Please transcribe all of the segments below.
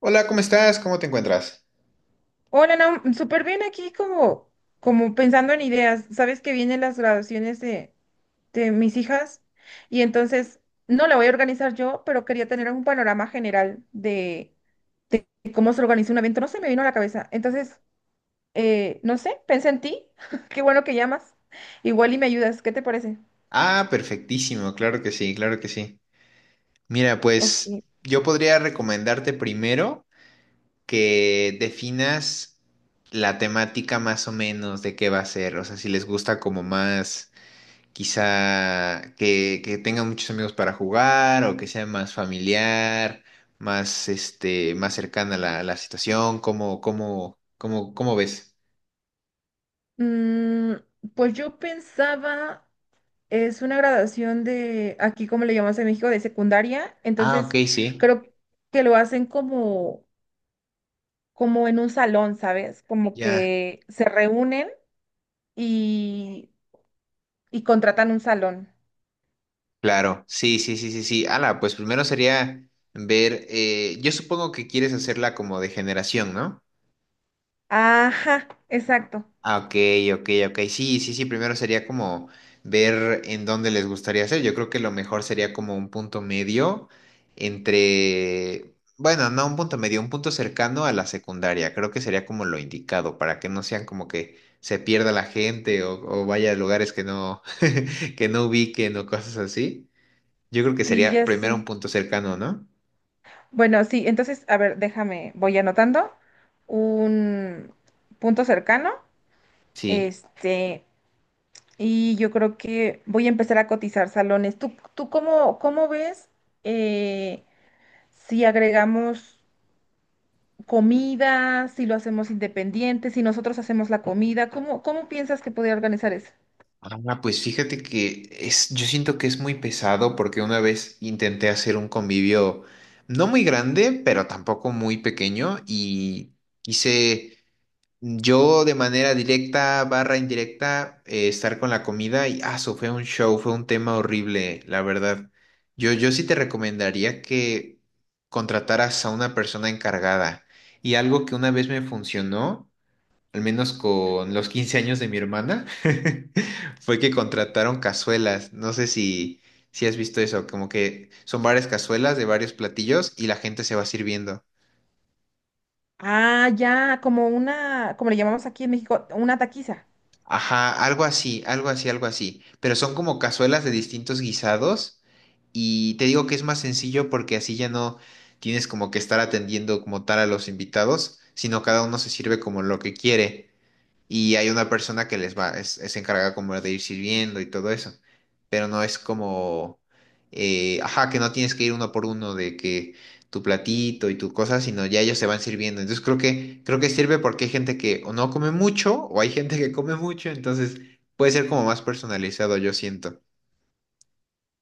Hola, ¿cómo estás? ¿Cómo te encuentras? Hola, no, súper bien aquí como pensando en ideas. Sabes que vienen las graduaciones de mis hijas y entonces no la voy a organizar yo, pero quería tener un panorama general de cómo se organiza un evento. No se me vino a la cabeza. Entonces, no sé, pensé en ti. Qué bueno que llamas. Igual y me ayudas. ¿Qué te parece? Ah, perfectísimo, claro que sí, claro que sí. Mira, pues Ok. yo podría recomendarte primero que definas la temática más o menos de qué va a ser, o sea, si les gusta como más, quizá que tengan muchos amigos para jugar o que sea más familiar, más, este, más cercana a la situación, ¿cómo ves? Mm, pues yo pensaba... Es una graduación de, aquí como le llamamos en México, de secundaria. Ah, ok, Entonces, sí, creo que lo hacen como en un salón, ¿sabes? Como ya. que se reúnen y, y contratan un salón. Claro, sí, sí, sí, sí, sí. Ala, pues primero sería ver, yo supongo que quieres hacerla como de generación, ¿no? Ajá, exacto. Ah, ok, ok, ok. Sí, sí, sí, primero sería como ver en dónde les gustaría hacer. Yo creo que lo mejor sería como un punto medio entre, bueno, no un punto medio, un punto cercano a la secundaria. Creo que sería como lo indicado para que no sean como que se pierda la gente o vaya a lugares que no, que no ubiquen o cosas así. Yo creo que Sí, sería ya primero un sé. punto cercano, ¿no? Bueno, sí, entonces, a ver, déjame, voy anotando un punto cercano. Sí. Este, y yo creo que voy a empezar a cotizar salones. ¿Tú cómo ves? eh, si agregamos comida, si lo hacemos independiente, si nosotros hacemos la comida, ¿cómo piensas que podría organizar eso? Ah, pues fíjate que es, yo siento que es muy pesado porque una vez intenté hacer un convivio no muy grande, pero tampoco muy pequeño y quise yo de manera directa barra indirecta estar con la comida y eso fue un show, fue un tema horrible, la verdad. Yo sí te recomendaría que contrataras a una persona encargada y algo que una vez me funcionó al menos con los 15 años de mi hermana. Fue que contrataron cazuelas. No sé si has visto eso, como que son varias cazuelas de varios platillos y la gente se va sirviendo. Ah, ya, como una, como le llamamos aquí en México, una taquiza. Ajá, algo así, algo así, algo así. Pero son como cazuelas de distintos guisados y te digo que es más sencillo porque así ya no tienes como que estar atendiendo como tal a los invitados, sino cada uno se sirve como lo que quiere. Y hay una persona que les va, es encargada como de ir sirviendo y todo eso, pero no es como, ajá, que no tienes que ir uno por uno de que tu platito y tu cosa, sino ya ellos se van sirviendo. Entonces creo que sirve porque hay gente que o no come mucho o hay gente que come mucho, entonces puede ser como más personalizado, yo siento.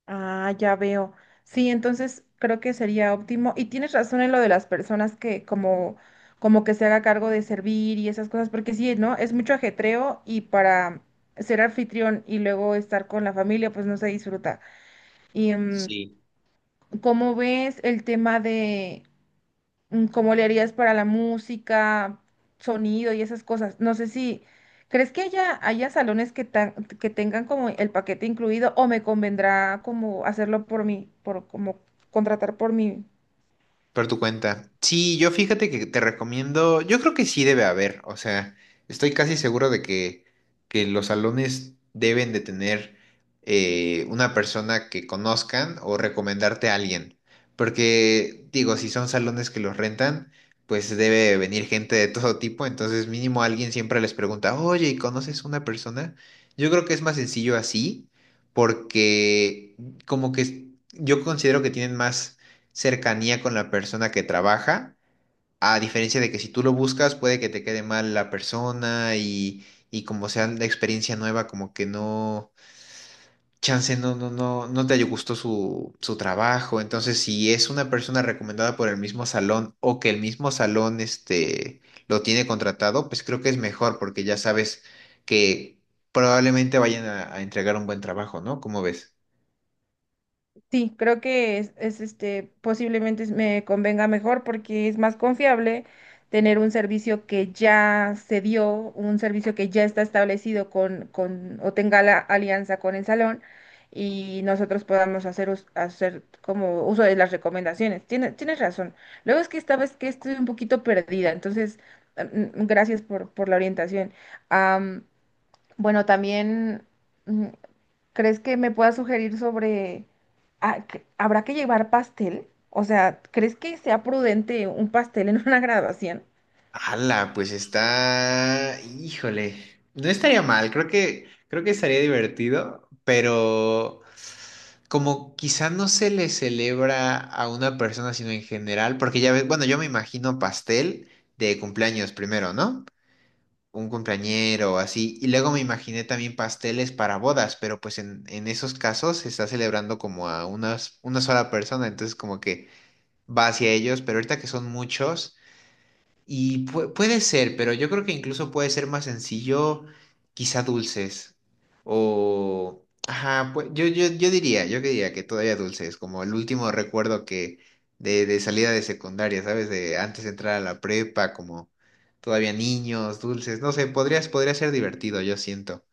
Ah, ya veo. Sí, entonces creo que sería óptimo. Y tienes razón en lo de las personas que como que se haga cargo de servir y esas cosas, porque sí, ¿no? Es mucho ajetreo y para ser anfitrión y luego estar con la familia, pues no se disfruta. Y Sí. ¿cómo ves el tema de cómo le harías para la música, sonido y esas cosas? No sé si, ¿crees que haya salones que tengan como el paquete incluido o me convendrá como hacerlo por mí, por como contratar por mí? Por tu cuenta. Sí, yo fíjate que te recomiendo, yo creo que sí debe haber, o sea, estoy casi seguro de que los salones deben de tener una persona que conozcan o recomendarte a alguien, porque digo, si son salones que los rentan, pues debe venir gente de todo tipo, entonces mínimo alguien siempre les pregunta, oye, ¿y conoces una persona? Yo creo que es más sencillo así, porque como que yo considero que tienen más cercanía con la persona que trabaja, a diferencia de que si tú lo buscas puede que te quede mal la persona y como sea la experiencia nueva, como que no, chance no te gustó su trabajo. Entonces, si es una persona recomendada por el mismo salón o que el mismo salón este, lo tiene contratado, pues creo que es mejor porque ya sabes que probablemente vayan a entregar un buen trabajo, ¿no? ¿Cómo ves? Sí, creo que este, posiblemente me convenga mejor porque es más confiable tener un servicio que ya se dio, un servicio que ya está establecido con o tenga la alianza con el salón y nosotros podamos hacer, hacer como uso de las recomendaciones. Tienes razón. Luego es que esta vez que estoy un poquito perdida, entonces gracias por la orientación. Am, bueno, también... mm, ¿Crees que me puedas sugerir sobre, habrá que llevar pastel? O sea, ¿crees que sea prudente un pastel en una graduación? Ala, pues está, híjole, no estaría mal, creo que estaría divertido, pero como quizá no se le celebra a una persona, sino en general, porque ya ves, bueno, yo me imagino pastel de cumpleaños primero, ¿no? Un cumpleañero o así, y luego me imaginé también pasteles para bodas, pero pues en esos casos se está celebrando como a unas, una sola persona, entonces como que va hacia ellos, pero ahorita que son muchos. Y puede ser, pero yo creo que incluso puede ser más sencillo, quizá dulces. O, ajá, pues yo diría, yo que diría que todavía dulces, como el último recuerdo que de salida de secundaria, ¿sabes? De antes de entrar a la prepa, como todavía niños, dulces, no sé, podrías, podría ser divertido, yo siento.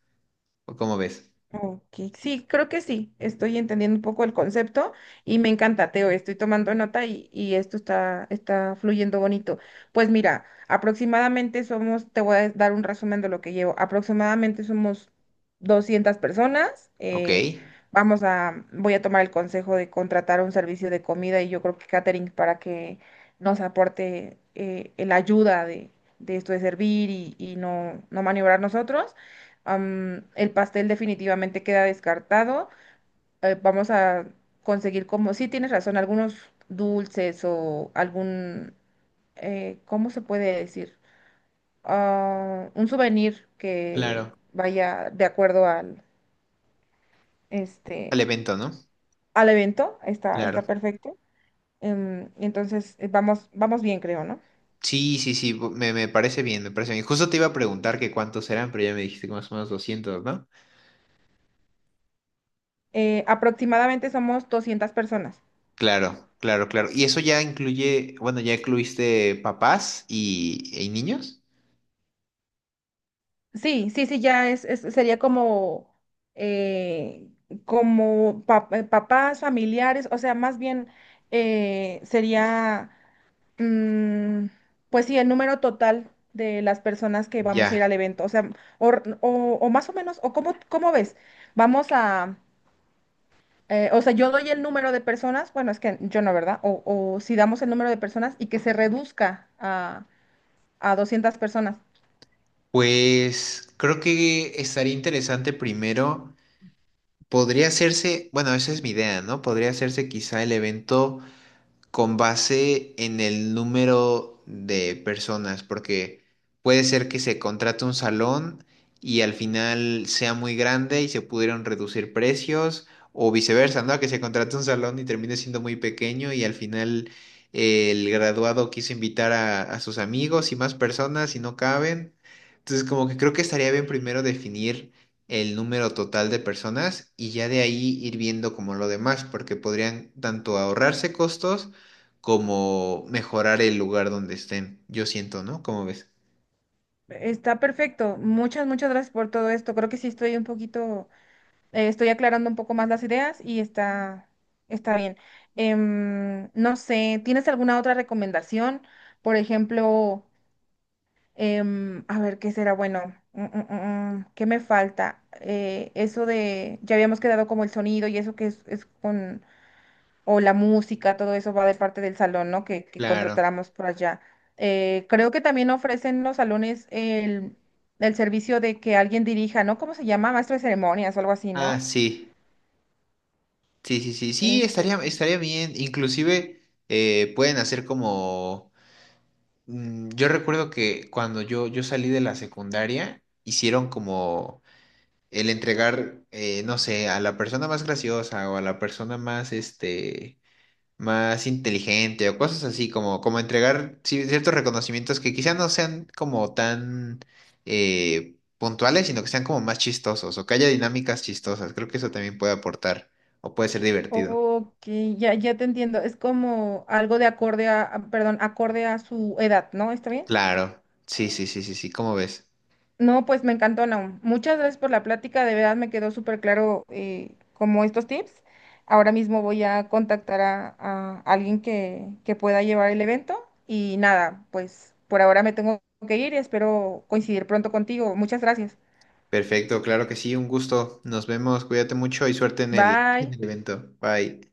¿O cómo ves? Ok, sí, creo que sí, estoy entendiendo un poco el concepto y me encanta, Teo. Estoy tomando nota y esto está, está fluyendo bonito. Pues mira, aproximadamente somos, te voy a dar un resumen de lo que llevo, aproximadamente somos 200 personas, Ok, vamos a, voy a tomar el consejo de contratar un servicio de comida y yo creo que catering para que nos aporte la ayuda de esto de servir y no, no maniobrar nosotros. El pastel definitivamente queda descartado. Vamos a conseguir como, sí tienes razón, algunos dulces o algún, ¿cómo se puede decir? Ah, un souvenir que claro. vaya de acuerdo al, Al este, evento, ¿no? al evento. Está, Claro. está perfecto. Entonces, vamos, vamos bien, creo, ¿no? Sí, sí, sí, me parece bien, me parece bien. Justo te iba a preguntar que cuántos eran, pero ya me dijiste que más o menos 200, ¿no? Aproximadamente somos 200 personas. Claro, claro, claro. ¿Y eso ya incluye, bueno, ya incluiste papás y niños? Sí, sí, sí, ya es, sería como, eh, como papás, familiares, o sea, más bien sería, mm, pues sí, el número total de las personas que vamos a ir Ya. al evento, o sea, o, o más o menos, o cómo, cómo ves, vamos a, o sea, yo doy el número de personas, bueno, es que yo no, ¿verdad? O si damos el número de personas y que se reduzca a 200 personas. Pues creo que estaría interesante primero, podría hacerse, bueno, esa es mi idea, ¿no? Podría hacerse quizá el evento con base en el número de personas, porque puede ser que se contrate un salón y al final sea muy grande y se pudieron reducir precios, o viceversa, ¿no? Que se contrate un salón y termine siendo muy pequeño y al final el graduado quiso invitar a sus amigos y más personas y no caben. Entonces, como que creo que estaría bien primero definir el número total de personas y ya de ahí ir viendo como lo demás, porque podrían tanto ahorrarse costos, como mejorar el lugar donde estén. Yo siento, ¿no? ¿Cómo ves? Está perfecto. Muchas, muchas gracias por todo esto. Creo que sí estoy un poquito, estoy aclarando un poco más las ideas y está, está bien. No sé, ¿tienes alguna otra recomendación? Por ejemplo, a ver, ¿qué será bueno? ¿Qué me falta? Eso de, ya habíamos quedado como el sonido y eso que es con o la música. Todo eso va de parte del salón, ¿no? Que Claro. contratáramos por allá. Creo que también ofrecen los salones el servicio de que alguien dirija, ¿no? ¿Cómo se llama? Maestro de ceremonias o algo así, Ah, ¿no? sí. Sí, sí, sí. Sí, Este, estaría, estaría bien. Inclusive pueden hacer como... yo recuerdo que cuando yo salí de la secundaria, hicieron como el entregar, no sé, a la persona más graciosa o a la persona más, este... más inteligente o cosas así, como, como entregar ciertos reconocimientos que quizá no sean como tan puntuales, sino que sean como más chistosos o que haya dinámicas chistosas. Creo que eso también puede aportar o puede ser divertido. ok, ya, ya te entiendo. Es como algo de acorde perdón, acorde a su edad, ¿no? ¿Está bien? Claro, sí, sí, sí, sí, sí, ¿cómo ves? No, pues me encantó, Naum. Muchas gracias por la plática. De verdad me quedó súper claro como estos tips. Ahora mismo voy a contactar a alguien que pueda llevar el evento. Y nada, pues por ahora me tengo que ir y espero coincidir pronto contigo. Muchas gracias. Perfecto, claro que sí, un gusto. Nos vemos, cuídate mucho y suerte en Bye. el evento. Bye.